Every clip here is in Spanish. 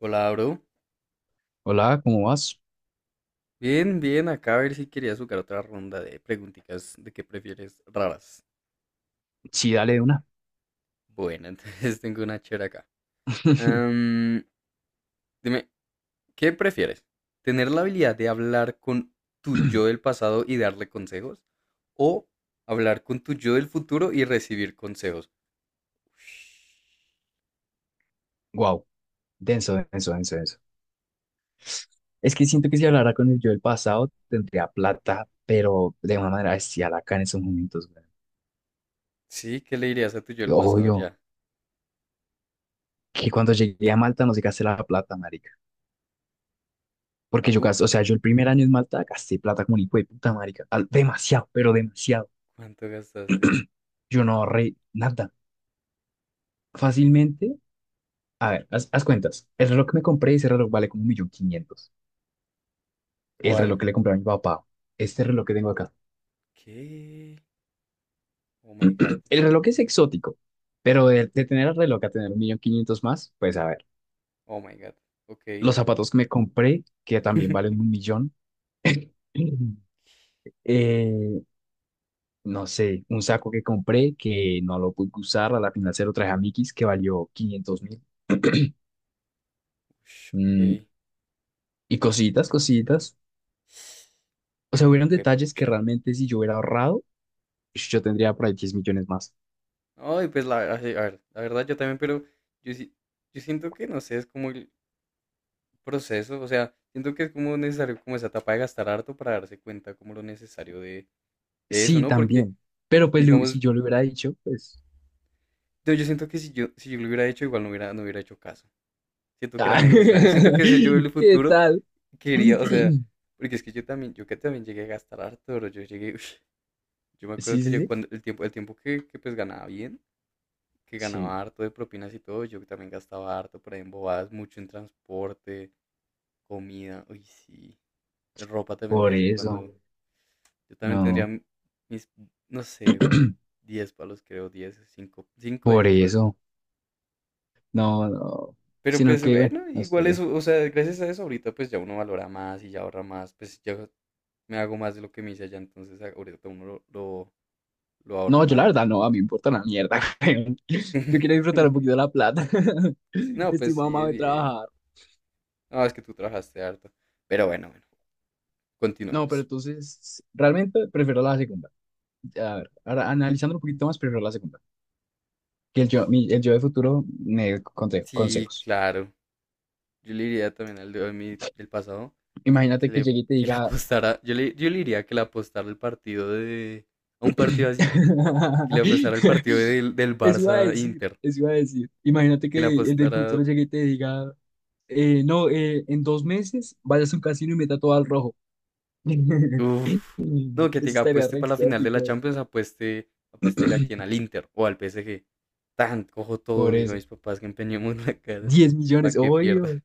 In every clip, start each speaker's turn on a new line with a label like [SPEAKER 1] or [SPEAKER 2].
[SPEAKER 1] Hola, bro.
[SPEAKER 2] Hola, ¿cómo vas?
[SPEAKER 1] Bien, bien, acá a ver si quería jugar otra ronda de preguntitas de qué prefieres raras.
[SPEAKER 2] Sí, dale de una.
[SPEAKER 1] Bueno, entonces tengo una chévere acá. Am, Dime, ¿qué prefieres? ¿Tener la habilidad de hablar con tu yo del pasado y darle consejos? ¿O hablar con tu yo del futuro y recibir consejos?
[SPEAKER 2] Wow, denso, denso, denso, denso. Es que siento que si hablara con el yo del pasado, tendría plata, pero de una manera bestial acá en esos momentos, güey.
[SPEAKER 1] Sí, ¿qué le dirías a tu yo del pasado
[SPEAKER 2] Obvio,
[SPEAKER 1] ya?
[SPEAKER 2] que cuando llegué a Malta no se gasté la plata, marica.
[SPEAKER 1] ¿A
[SPEAKER 2] Porque yo
[SPEAKER 1] tú?
[SPEAKER 2] gasté, o sea, yo el primer año en Malta gasté plata como un hijo de puta, marica. Demasiado, pero demasiado.
[SPEAKER 1] ¿Cuánto gastaste?
[SPEAKER 2] Yo no ahorré nada. Fácilmente, a ver, haz cuentas. El reloj que me compré, ese reloj vale como un millón quinientos. El reloj
[SPEAKER 1] ¿Cuál?
[SPEAKER 2] que le compré a mi papá. Este reloj que tengo acá.
[SPEAKER 1] ¿Qué? Oh my god.
[SPEAKER 2] El reloj es exótico, pero de tener el reloj a tener un millón quinientos más, pues a ver.
[SPEAKER 1] Oh my god.
[SPEAKER 2] Los
[SPEAKER 1] Ok.
[SPEAKER 2] zapatos que me compré, que también valen un millón. Eh, no sé, un saco que compré que no lo pude usar, a la final se lo traje a Mickey's que valió 500.000.
[SPEAKER 1] Ush,
[SPEAKER 2] Mm,
[SPEAKER 1] ok.
[SPEAKER 2] y cositas, cositas. O sea, hubieron
[SPEAKER 1] Fue
[SPEAKER 2] detalles que
[SPEAKER 1] pucha.
[SPEAKER 2] realmente si yo hubiera ahorrado, yo tendría por ahí 10 millones más.
[SPEAKER 1] Ay, pues la, a ver, la verdad yo también, pero yo, sí- yo siento que no sé, es como el proceso, o sea, siento que es como necesario como esa etapa de gastar harto para darse cuenta como lo necesario de eso,
[SPEAKER 2] Sí,
[SPEAKER 1] ¿no? Porque,
[SPEAKER 2] también. Pero pues si
[SPEAKER 1] digamos,
[SPEAKER 2] yo le hubiera dicho, pues...
[SPEAKER 1] yo siento que si yo, si yo lo hubiera hecho, igual no hubiera hecho caso. Siento que era
[SPEAKER 2] ah,
[SPEAKER 1] necesario. Siento que ese yo del
[SPEAKER 2] ¿Qué
[SPEAKER 1] futuro
[SPEAKER 2] tal?
[SPEAKER 1] quería, o sea, porque es que yo también, yo que también llegué a gastar harto, bro. Yo llegué, yo me acuerdo
[SPEAKER 2] Sí,
[SPEAKER 1] que
[SPEAKER 2] sí,
[SPEAKER 1] yo
[SPEAKER 2] sí.
[SPEAKER 1] cuando el tiempo, el tiempo que pues ganaba bien que
[SPEAKER 2] Sí,
[SPEAKER 1] ganaba harto de propinas y todo, yo también gastaba harto por ahí en bobadas, mucho en transporte, comida, uy, sí. De ropa también de
[SPEAKER 2] por
[SPEAKER 1] vez en
[SPEAKER 2] eso,
[SPEAKER 1] cuando. Yo también tendría
[SPEAKER 2] no,
[SPEAKER 1] mis, no sé, unos 10 palos, creo, 10 5 cinco a
[SPEAKER 2] por
[SPEAKER 1] 10 palos.
[SPEAKER 2] eso, no, no,
[SPEAKER 1] Pero
[SPEAKER 2] sino
[SPEAKER 1] pues
[SPEAKER 2] que bueno,
[SPEAKER 1] bueno,
[SPEAKER 2] no
[SPEAKER 1] igual
[SPEAKER 2] sé.
[SPEAKER 1] eso, o sea, gracias a eso ahorita pues ya uno valora más y ya ahorra más, pues yo me hago más de lo que me hice allá, entonces ahorita uno lo ahorra
[SPEAKER 2] No, yo la
[SPEAKER 1] más,
[SPEAKER 2] verdad
[SPEAKER 1] es
[SPEAKER 2] no, a mí
[SPEAKER 1] más.
[SPEAKER 2] me importa una mierda, weón. Yo quiero disfrutar un poquito de la plata.
[SPEAKER 1] Sí, no,
[SPEAKER 2] Estoy
[SPEAKER 1] pues sí,
[SPEAKER 2] mamado de
[SPEAKER 1] bien.
[SPEAKER 2] trabajar.
[SPEAKER 1] No, es que tú trabajaste harto. Pero bueno, bueno.
[SPEAKER 2] No, pero
[SPEAKER 1] Continuemos.
[SPEAKER 2] entonces, realmente prefiero la segunda. A ver, ahora analizando un poquito más, prefiero la segunda. Que el yo, el yo de futuro me
[SPEAKER 1] Sí,
[SPEAKER 2] consejos.
[SPEAKER 1] claro. Yo le diría también al de mi del pasado
[SPEAKER 2] Imagínate
[SPEAKER 1] que
[SPEAKER 2] que
[SPEAKER 1] le,
[SPEAKER 2] llegue y te
[SPEAKER 1] que le
[SPEAKER 2] diga.
[SPEAKER 1] apostara. Yo le diría que le apostara el partido de. A un partido así. Que le apostara el partido del
[SPEAKER 2] Eso iba a
[SPEAKER 1] Barça
[SPEAKER 2] decir,
[SPEAKER 1] Inter.
[SPEAKER 2] eso iba a decir. Imagínate
[SPEAKER 1] Que le
[SPEAKER 2] que el del
[SPEAKER 1] apostara.
[SPEAKER 2] futuro llegue y te diga, no, en 2 meses vayas a un casino y meta todo al rojo. Eso
[SPEAKER 1] Uff. No, que te diga
[SPEAKER 2] estaría
[SPEAKER 1] apueste
[SPEAKER 2] re
[SPEAKER 1] para la final de la
[SPEAKER 2] exótico.
[SPEAKER 1] Champions, apueste, apuéstele a quien, al Inter o al PSG. Tan, cojo todo,
[SPEAKER 2] Por
[SPEAKER 1] le digo a
[SPEAKER 2] eso.
[SPEAKER 1] mis papás que empeñemos la cara
[SPEAKER 2] 10
[SPEAKER 1] para
[SPEAKER 2] millones,
[SPEAKER 1] que pierda.
[SPEAKER 2] obvio.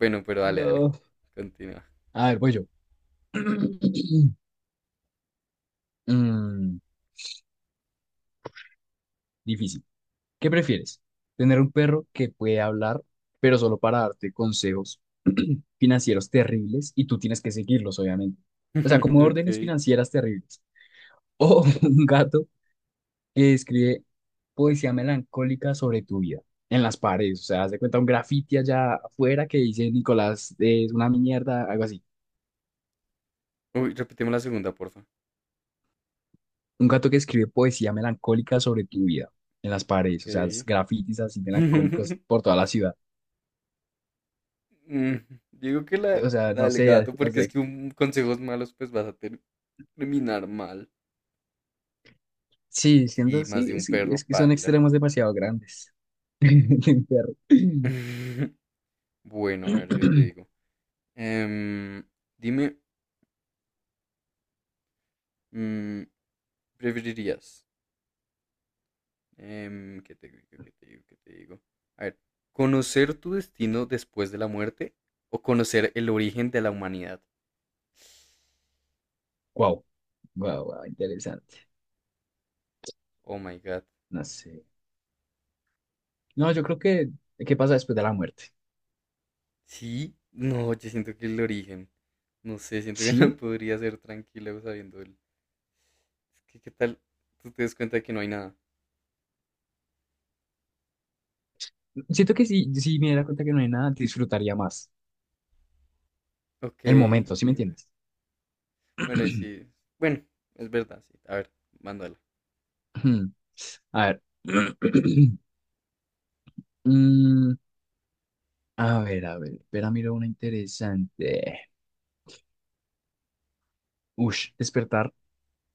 [SPEAKER 1] Bueno, pero dale, dale.
[SPEAKER 2] No.
[SPEAKER 1] Continúa.
[SPEAKER 2] A ver, voy yo. Mm, Difícil. ¿Qué prefieres? ¿Tener un perro que puede hablar, pero solo para darte consejos financieros terribles y tú tienes que seguirlos, obviamente? O sea, como órdenes
[SPEAKER 1] Ok.
[SPEAKER 2] financieras terribles. O un gato que escribe poesía melancólica sobre tu vida en las paredes. O sea, haz de cuenta un graffiti allá afuera que dice Nicolás es una mierda, algo así.
[SPEAKER 1] Uy, repetimos la segunda, porfa.
[SPEAKER 2] Un gato que escribe poesía melancólica sobre tu vida en las paredes.
[SPEAKER 1] Ok.
[SPEAKER 2] O sea, es grafitis así melancólicos por toda la ciudad.
[SPEAKER 1] Mm, Digo que la,
[SPEAKER 2] O sea,
[SPEAKER 1] la
[SPEAKER 2] no
[SPEAKER 1] del
[SPEAKER 2] sé,
[SPEAKER 1] gato, porque es que un consejos malos, pues vas a terminar mal.
[SPEAKER 2] sí,
[SPEAKER 1] Sí,
[SPEAKER 2] siendo
[SPEAKER 1] más de
[SPEAKER 2] sí,
[SPEAKER 1] un
[SPEAKER 2] sí,
[SPEAKER 1] perro
[SPEAKER 2] es que son
[SPEAKER 1] paila.
[SPEAKER 2] extremos demasiado grandes. Del perro.
[SPEAKER 1] Bueno, a ver, yo te digo. Em, Dime, mm, ¿preferirías? ¿Qué te digo? ¿Qué te digo? ¿Qué te digo? A ver, ¿conocer tu destino después de la muerte o conocer el origen de la humanidad?
[SPEAKER 2] Wow, wow, wow, interesante.
[SPEAKER 1] Oh my God.
[SPEAKER 2] No sé. No, yo creo que, ¿qué pasa después de la muerte?
[SPEAKER 1] Sí, no, yo siento que el origen, no sé, siento que no
[SPEAKER 2] Sí,
[SPEAKER 1] podría ser tranquilo sabiendo el. Es que, ¿qué tal? Tú te das cuenta de que no hay nada.
[SPEAKER 2] siento que si me diera cuenta que no hay nada, disfrutaría más
[SPEAKER 1] Ok,
[SPEAKER 2] el momento, ¿sí me
[SPEAKER 1] entiendo.
[SPEAKER 2] entiendes?
[SPEAKER 1] Bueno, y sí, bueno, es verdad, sí. A ver, mándala.
[SPEAKER 2] A ver. Mm, a ver, a ver. Espera, miro una interesante. Ush, despertar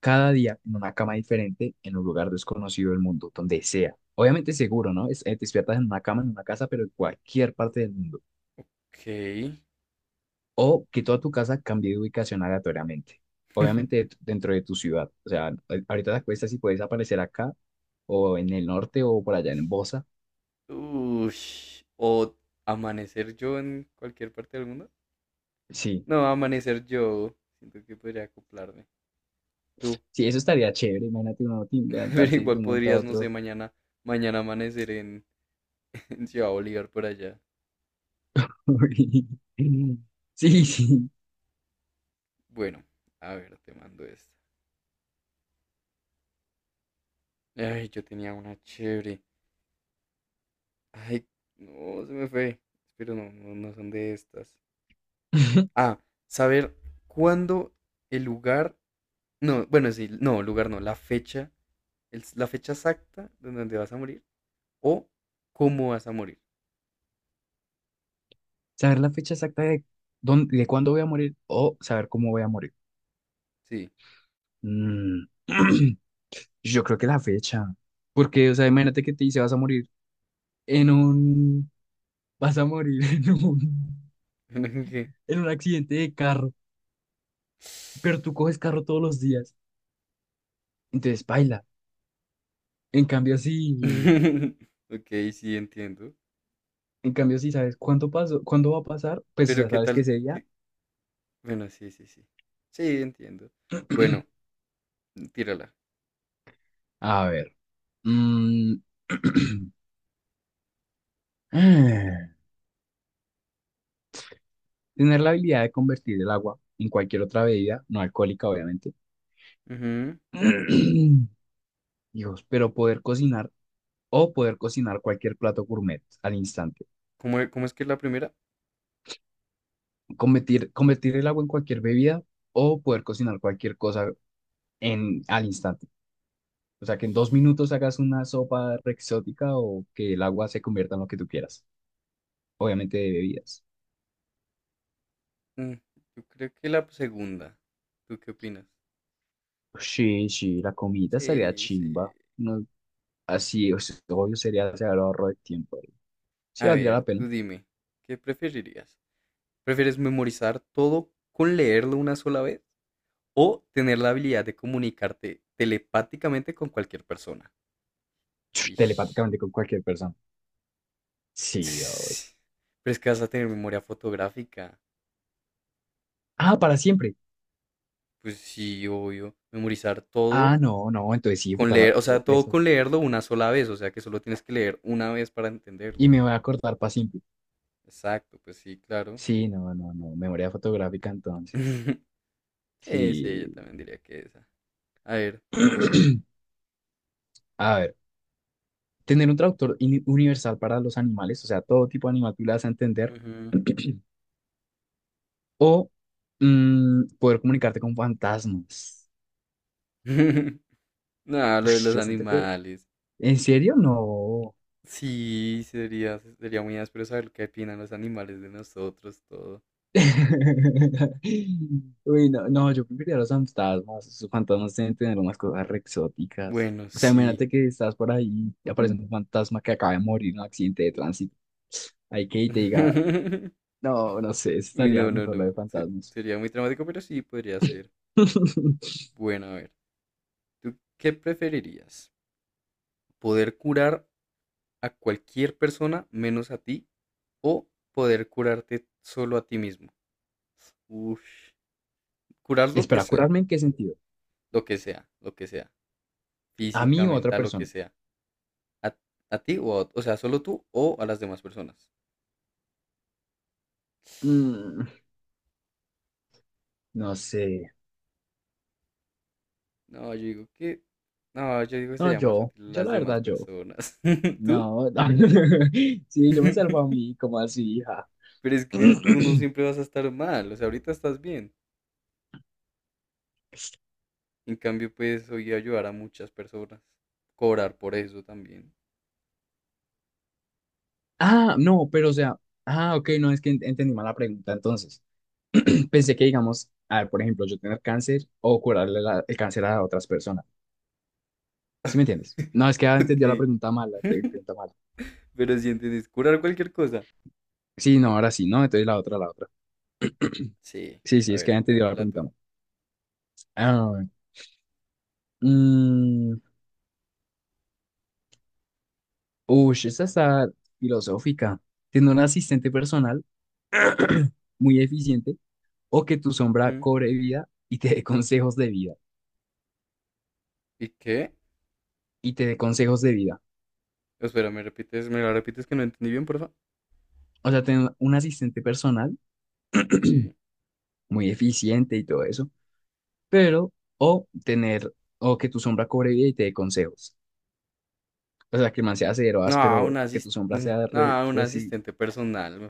[SPEAKER 2] cada día en una cama diferente, en un lugar desconocido del mundo, donde sea. Obviamente seguro, ¿no? Te despiertas en una cama, en una casa, pero en cualquier parte del mundo.
[SPEAKER 1] Ok.
[SPEAKER 2] O que toda tu casa cambie de ubicación aleatoriamente. Obviamente dentro de tu ciudad. O sea, ahorita te acuestas y puedes aparecer acá o en el norte o por allá en Bosa.
[SPEAKER 1] Ush, o amanecer yo en cualquier parte del mundo.
[SPEAKER 2] Sí,
[SPEAKER 1] No, amanecer yo, siento que podría acoplarme. Tú,
[SPEAKER 2] sí, eso estaría chévere. Imagínate uno
[SPEAKER 1] pero
[SPEAKER 2] levantarse de
[SPEAKER 1] igual
[SPEAKER 2] un momento a
[SPEAKER 1] podrías, no sé,
[SPEAKER 2] otro.
[SPEAKER 1] mañana amanecer en, en Ciudad Bolívar por allá.
[SPEAKER 2] Sí, sí.
[SPEAKER 1] Bueno, a ver, te mando esto. Ay, yo tenía una chévere. Ay, no, se me fue. Espero no, no, no son de estas. Ah, saber cuándo el lugar. No, bueno, sí, no, lugar no, la fecha. La fecha exacta de donde vas a morir o cómo vas a morir.
[SPEAKER 2] Saber la fecha exacta de cuándo voy a morir o saber cómo voy a morir.
[SPEAKER 1] Sí.
[SPEAKER 2] Mm. Yo creo que la fecha. Porque, o sea, imagínate que te dice vas a morir en un... Vas a morir
[SPEAKER 1] Ok.
[SPEAKER 2] en un accidente de carro, pero tú coges carro todos los días, entonces paila. En cambio, si,
[SPEAKER 1] Ok, sí, entiendo.
[SPEAKER 2] en cambio, si sabes cuánto pasó, cuándo va a pasar, pues, o
[SPEAKER 1] Pero
[SPEAKER 2] sea,
[SPEAKER 1] qué
[SPEAKER 2] sabes que
[SPEAKER 1] tal.
[SPEAKER 2] ese día...
[SPEAKER 1] Bueno, sí, sí, sí. Sí, entiendo. Bueno, tírala.
[SPEAKER 2] A ver, mm, ah, tener la habilidad de convertir el agua en cualquier otra bebida, no alcohólica, obviamente.
[SPEAKER 1] Ujú.
[SPEAKER 2] Dios, pero poder cocinar cualquier plato gourmet al instante.
[SPEAKER 1] ¿Cómo es que es la primera?
[SPEAKER 2] Convertir el agua en cualquier bebida o poder cocinar cualquier cosa al instante. O sea, que en 2 minutos hagas una sopa re exótica o que el agua se convierta en lo que tú quieras. Obviamente de bebidas.
[SPEAKER 1] Mm, yo creo que la segunda. ¿Tú qué opinas?
[SPEAKER 2] Sí, sí, la comida estaría
[SPEAKER 1] Sí, sí.
[SPEAKER 2] chimba. No, así, o sea, obvio sería hacer el ahorro de tiempo. Sí,
[SPEAKER 1] A
[SPEAKER 2] valdría
[SPEAKER 1] ver,
[SPEAKER 2] la pena.
[SPEAKER 1] tú dime, ¿qué preferirías? ¿Prefieres memorizar todo con leerlo una sola vez o tener la habilidad de comunicarte telepáticamente con cualquier persona? Ish.
[SPEAKER 2] Telepáticamente con cualquier persona. Sí, obvio.
[SPEAKER 1] Ss, Pero es que vas a tener memoria fotográfica.
[SPEAKER 2] Ah, para siempre.
[SPEAKER 1] Pues sí, obvio. Memorizar todo
[SPEAKER 2] Ah, no, no, entonces sí,
[SPEAKER 1] con leer, o sea, todo
[SPEAKER 2] eso.
[SPEAKER 1] con leerlo una sola vez, o sea, que solo tienes que leer una vez para entenderlo.
[SPEAKER 2] Y me voy a acordar para siempre.
[SPEAKER 1] Exacto, pues sí, claro.
[SPEAKER 2] Sí, no, no, no. Memoria fotográfica entonces.
[SPEAKER 1] Sí,
[SPEAKER 2] Sí.
[SPEAKER 1] sí, yo también diría que esa. A ver, dime.
[SPEAKER 2] A ver. Tener un traductor universal para los animales, o sea, todo tipo de animal tú le vas a entender.
[SPEAKER 1] Ujú.
[SPEAKER 2] O poder comunicarte con fantasmas.
[SPEAKER 1] No, lo de
[SPEAKER 2] Ush,
[SPEAKER 1] los
[SPEAKER 2] yo siento que...
[SPEAKER 1] animales.
[SPEAKER 2] ¿En serio? No.
[SPEAKER 1] Sí, sería muy áspero saber qué opinan los animales de nosotros, todo.
[SPEAKER 2] Uy, no, no, yo preferiría los fantasmas. Los fantasmas deben tener unas cosas re exóticas.
[SPEAKER 1] Bueno,
[SPEAKER 2] O sea,
[SPEAKER 1] sí.
[SPEAKER 2] imagínate que estás por ahí y aparece un fantasma que acaba de morir en un accidente de tránsito. Hay que y te diga, no, no sé,
[SPEAKER 1] Uy,
[SPEAKER 2] estaría
[SPEAKER 1] no, no,
[SPEAKER 2] mejor lo de
[SPEAKER 1] no.
[SPEAKER 2] fantasmas.
[SPEAKER 1] Sería muy traumático, pero sí podría ser. Bueno, a ver. ¿Tú qué preferirías? ¿Poder curar a cualquier persona menos a ti o poder curarte solo a ti mismo? Uf, curar lo que
[SPEAKER 2] ¿Espera
[SPEAKER 1] sea,
[SPEAKER 2] curarme en qué sentido?
[SPEAKER 1] lo que sea, lo que sea.
[SPEAKER 2] ¿A
[SPEAKER 1] Física,
[SPEAKER 2] mí o a otra
[SPEAKER 1] mental, lo que
[SPEAKER 2] persona?
[SPEAKER 1] sea. ¿A, a ti o o sea, ¿solo tú o a las demás personas?
[SPEAKER 2] Mm, no sé.
[SPEAKER 1] No, yo digo que, no, yo digo que
[SPEAKER 2] No,
[SPEAKER 1] sería más
[SPEAKER 2] yo.
[SPEAKER 1] útil
[SPEAKER 2] Yo,
[SPEAKER 1] las
[SPEAKER 2] la
[SPEAKER 1] demás
[SPEAKER 2] verdad, yo.
[SPEAKER 1] personas. ¿Tú?
[SPEAKER 2] No, no. Sí, yo me salvo a mí, ¿como así, hija?
[SPEAKER 1] Pero es que tú no siempre vas a estar mal, o sea, ahorita estás bien. En cambio, puedes hoy ayudar a muchas personas, cobrar por eso también.
[SPEAKER 2] Ah, no, pero o sea. Ah, ok, no, es que entendí mal la pregunta. Entonces, pensé que, digamos, a ver, por ejemplo, yo tener cáncer o curarle el cáncer a otras personas. ¿Sí me entiendes? No, es que había entendido la
[SPEAKER 1] Ok.
[SPEAKER 2] pregunta mal, la pregunta mal.
[SPEAKER 1] Pero si entiendes, curar cualquier cosa.
[SPEAKER 2] Sí, no, ahora sí, ¿no? Entonces la otra, la otra.
[SPEAKER 1] Sí,
[SPEAKER 2] Sí, sí,
[SPEAKER 1] a
[SPEAKER 2] es que
[SPEAKER 1] ver,
[SPEAKER 2] había entendido la
[SPEAKER 1] dámela
[SPEAKER 2] pregunta
[SPEAKER 1] tú.
[SPEAKER 2] mal. Ah, mm, uy, esa está filosófica. Tener un asistente personal muy eficiente o que tu sombra
[SPEAKER 1] Ujú.
[SPEAKER 2] cobre vida y te dé consejos de vida.
[SPEAKER 1] ¿Y qué?
[SPEAKER 2] Y te dé consejos de vida.
[SPEAKER 1] Espera, ¿me repites? ¿Me la repites que no entendí bien, por favor?
[SPEAKER 2] O sea, tener un asistente personal
[SPEAKER 1] Sí.
[SPEAKER 2] muy eficiente y todo eso, pero o tener, o que tu sombra cobre vida y te dé consejos. O sea, que el man sea cero
[SPEAKER 1] No,
[SPEAKER 2] áspero, que tu sombra sea re,
[SPEAKER 1] no, un
[SPEAKER 2] reci-
[SPEAKER 1] asistente personal me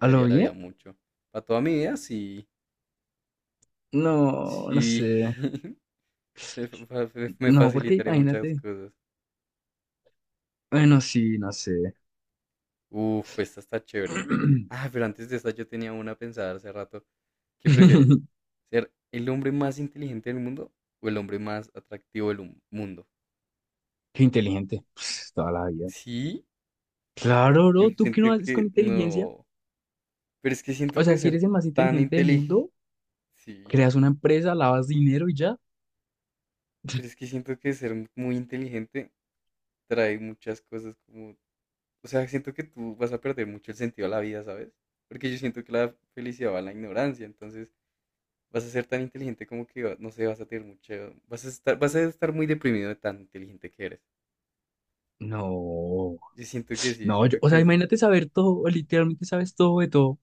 [SPEAKER 2] ¿A lo
[SPEAKER 1] la vida
[SPEAKER 2] bien?
[SPEAKER 1] mucho. Para toda mi vida, sí.
[SPEAKER 2] No, no
[SPEAKER 1] Sí.
[SPEAKER 2] sé.
[SPEAKER 1] Me
[SPEAKER 2] No, porque
[SPEAKER 1] facilitaría muchas
[SPEAKER 2] imagínate.
[SPEAKER 1] cosas.
[SPEAKER 2] Bueno, sí, no sé.
[SPEAKER 1] Uf, esta está chévere. Ah, pero antes de esta yo tenía una pensada hace rato. ¿Qué prefieres? ¿Ser el hombre más inteligente del mundo o el hombre más atractivo del mundo?
[SPEAKER 2] Qué inteligente. Pues, toda la vida.
[SPEAKER 1] Sí,
[SPEAKER 2] Claro,
[SPEAKER 1] yo
[SPEAKER 2] bro. ¿Tú qué
[SPEAKER 1] siento
[SPEAKER 2] no haces con
[SPEAKER 1] que
[SPEAKER 2] inteligencia?
[SPEAKER 1] no. Pero es que siento
[SPEAKER 2] O sea,
[SPEAKER 1] que
[SPEAKER 2] si
[SPEAKER 1] ser
[SPEAKER 2] eres el más
[SPEAKER 1] tan
[SPEAKER 2] inteligente del
[SPEAKER 1] inteligente.
[SPEAKER 2] mundo,
[SPEAKER 1] Sí,
[SPEAKER 2] creas una empresa, lavas dinero y ya.
[SPEAKER 1] pero es que siento que ser muy inteligente trae muchas cosas como, o sea, siento que tú vas a perder mucho el sentido a la vida, ¿sabes? Porque yo siento que la felicidad va a la ignorancia, entonces vas a ser tan inteligente como que, no sé, vas a tener mucho, vas a estar muy deprimido de tan inteligente que eres.
[SPEAKER 2] No.
[SPEAKER 1] Yo siento que sí,
[SPEAKER 2] No,
[SPEAKER 1] siento
[SPEAKER 2] o
[SPEAKER 1] que
[SPEAKER 2] sea, imagínate saber todo. Literalmente sabes todo de todo.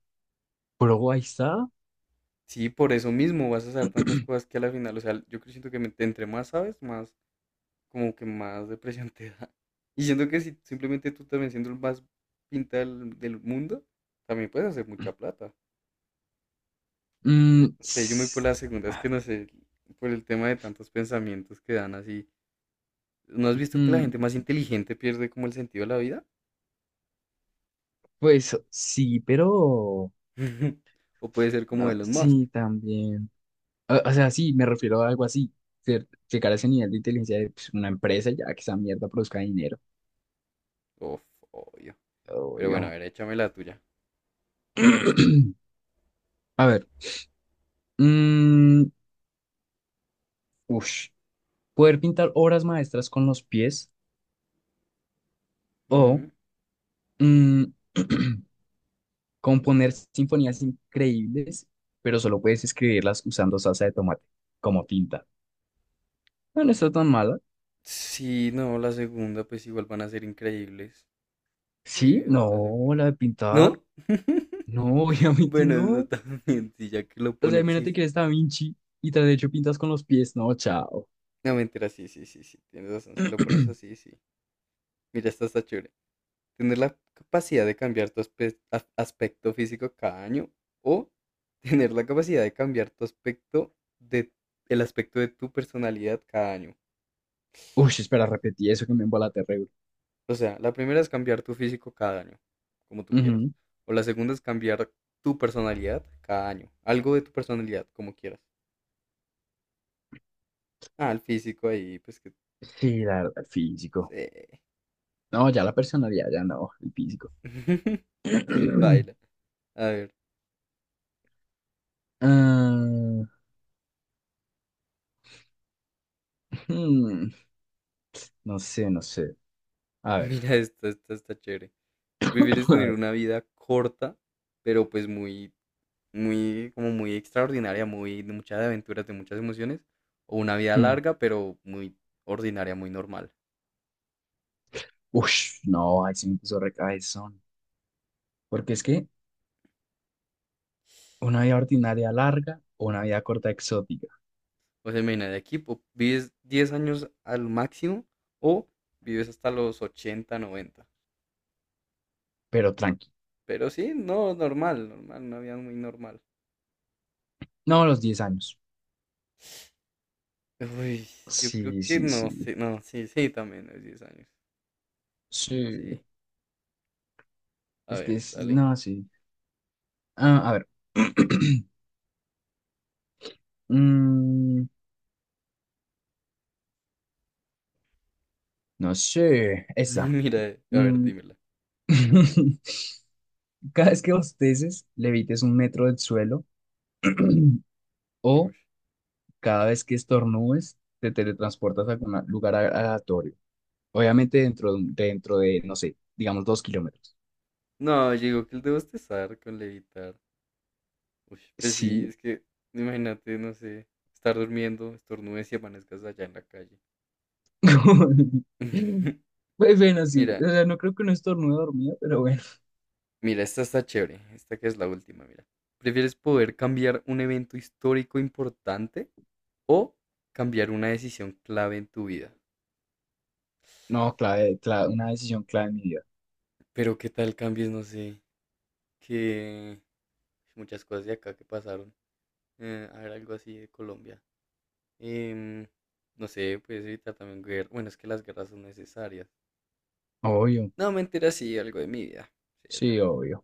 [SPEAKER 2] Pero ahí está.
[SPEAKER 1] sí, por eso mismo vas a saber tantas cosas que a la final, o sea, siento que entre más sabes, más, como que más depresión te da. Y siento que si simplemente tú también siendo el más pinta del mundo, también puedes hacer mucha plata.
[SPEAKER 2] Mm,
[SPEAKER 1] Sé, yo me voy por
[SPEAKER 2] s-
[SPEAKER 1] la segunda, es que no sé, por el tema de tantos pensamientos que dan así. ¿No has visto que la gente más
[SPEAKER 2] mm,
[SPEAKER 1] inteligente pierde como el sentido de la vida?
[SPEAKER 2] pues sí, pero...
[SPEAKER 1] O puede ser como
[SPEAKER 2] no,
[SPEAKER 1] Elon Musk.
[SPEAKER 2] sí, también. O sea, sí, me refiero a algo así. Llegar a ese nivel de inteligencia de pues, una empresa ya que esa mierda produzca dinero.
[SPEAKER 1] Uf, obvio. Pero bueno, a
[SPEAKER 2] Obvio.
[SPEAKER 1] ver, échame la tuya.
[SPEAKER 2] A ver. Mm, ush. Poder pintar obras maestras con los pies o
[SPEAKER 1] Mm.
[SPEAKER 2] mm, componer sinfonías increíbles, pero solo puedes escribirlas usando salsa de tomate como tinta. No, no está tan mala.
[SPEAKER 1] Sí, no, la segunda, pues igual van a ser increíbles.
[SPEAKER 2] Sí,
[SPEAKER 1] Sí, no,
[SPEAKER 2] no,
[SPEAKER 1] la segunda.
[SPEAKER 2] la de pintar.
[SPEAKER 1] ¿No?
[SPEAKER 2] No, obviamente
[SPEAKER 1] Bueno, eso
[SPEAKER 2] no.
[SPEAKER 1] también, sí, ya que lo
[SPEAKER 2] O sea,
[SPEAKER 1] pones, sí,
[SPEAKER 2] imagínate
[SPEAKER 1] sí.
[SPEAKER 2] que eres Da Vinci y tras de hecho pintas con los pies. No, chao.
[SPEAKER 1] No, mentira, sí, sí, sí, sí, tienes razón, si lo pones así, sí. Mira, esta está chévere. Tener la capacidad de cambiar tu aspecto físico cada año o tener la capacidad de cambiar tu aspecto de el aspecto de tu personalidad cada año.
[SPEAKER 2] Uy, espera, repetí eso que me embolaté, terrible.
[SPEAKER 1] O sea, la primera es cambiar tu físico cada año, como tú quieras.
[SPEAKER 2] Ujú.
[SPEAKER 1] O la segunda es cambiar tu personalidad cada año. Algo de tu personalidad, como quieras. Ah, el físico ahí, pues que.
[SPEAKER 2] Sí, la verdad, el físico.
[SPEAKER 1] Sí.
[SPEAKER 2] No, ya la personalidad, ya no, el físico.
[SPEAKER 1] Sí, paila. A ver,
[SPEAKER 2] Ah, Hmm, no sé, no sé. A ver,
[SPEAKER 1] mira esta está chévere. Prefieres
[SPEAKER 2] a
[SPEAKER 1] tener
[SPEAKER 2] ver.
[SPEAKER 1] una vida corta, pero pues muy muy, como muy extraordinaria, muy de muchas aventuras, de muchas emociones, o una vida
[SPEAKER 2] Hmm.
[SPEAKER 1] larga, pero muy ordinaria, muy normal.
[SPEAKER 2] Ush, no, ahí sí me puso recaezón. Porque es que una vida ordinaria larga o una vida corta exótica,
[SPEAKER 1] O sea, imagina, de aquí vives 10 años al máximo o vives hasta los 80 noventa.
[SPEAKER 2] pero tranqui.
[SPEAKER 1] Pero sí, no, normal, normal, una vida muy normal.
[SPEAKER 2] No, los 10 años.
[SPEAKER 1] Uy, yo creo
[SPEAKER 2] Sí,
[SPEAKER 1] que
[SPEAKER 2] sí,
[SPEAKER 1] no
[SPEAKER 2] sí.
[SPEAKER 1] sé, no, sí, sí, también es 10 años.
[SPEAKER 2] Sí,
[SPEAKER 1] Sí, a
[SPEAKER 2] es que
[SPEAKER 1] ver,
[SPEAKER 2] es,
[SPEAKER 1] dale.
[SPEAKER 2] no, sí. Ah, a ver. Mm, no sé, esa.
[SPEAKER 1] Mira, a ver,
[SPEAKER 2] Mm,
[SPEAKER 1] dímela.
[SPEAKER 2] Cada vez que bosteces, levites 1 metro del suelo. O
[SPEAKER 1] Uy.
[SPEAKER 2] cada vez que estornudes, te teletransportas a algún lugar aleatorio. Obviamente dentro de, no sé, digamos 2 kilómetros.
[SPEAKER 1] No, yo digo que el de bostezar con levitar. Uy, pues sí,
[SPEAKER 2] Sí.
[SPEAKER 1] es que imagínate, no sé, estar durmiendo, estornudes y amanezcas allá en la calle.
[SPEAKER 2] Pues bueno, sí.
[SPEAKER 1] Mira,
[SPEAKER 2] O sea, no creo que no estornude dormido, pero bueno.
[SPEAKER 1] mira, esta está chévere, esta que es la última, mira. ¿Prefieres poder cambiar un evento histórico importante o cambiar una decisión clave en tu vida?
[SPEAKER 2] No, clave, clave, una decisión clave en mi vida.
[SPEAKER 1] Pero qué tal cambies, no sé, que muchas cosas de acá que pasaron. A ver, algo así de Colombia. Em, no sé, puedes evitar también guerra. Bueno, es que las guerras son necesarias.
[SPEAKER 2] Obvio.
[SPEAKER 1] No, mentira, sí, algo de mi vida. Sí, es
[SPEAKER 2] Sí,
[SPEAKER 1] verdad.
[SPEAKER 2] obvio.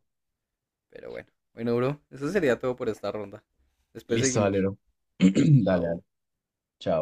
[SPEAKER 1] Pero bueno. Bueno, bro, eso sería todo por esta ronda. Después
[SPEAKER 2] Listo,
[SPEAKER 1] seguimos.
[SPEAKER 2] Valero. Dale, dale.
[SPEAKER 1] Chao.
[SPEAKER 2] Chao.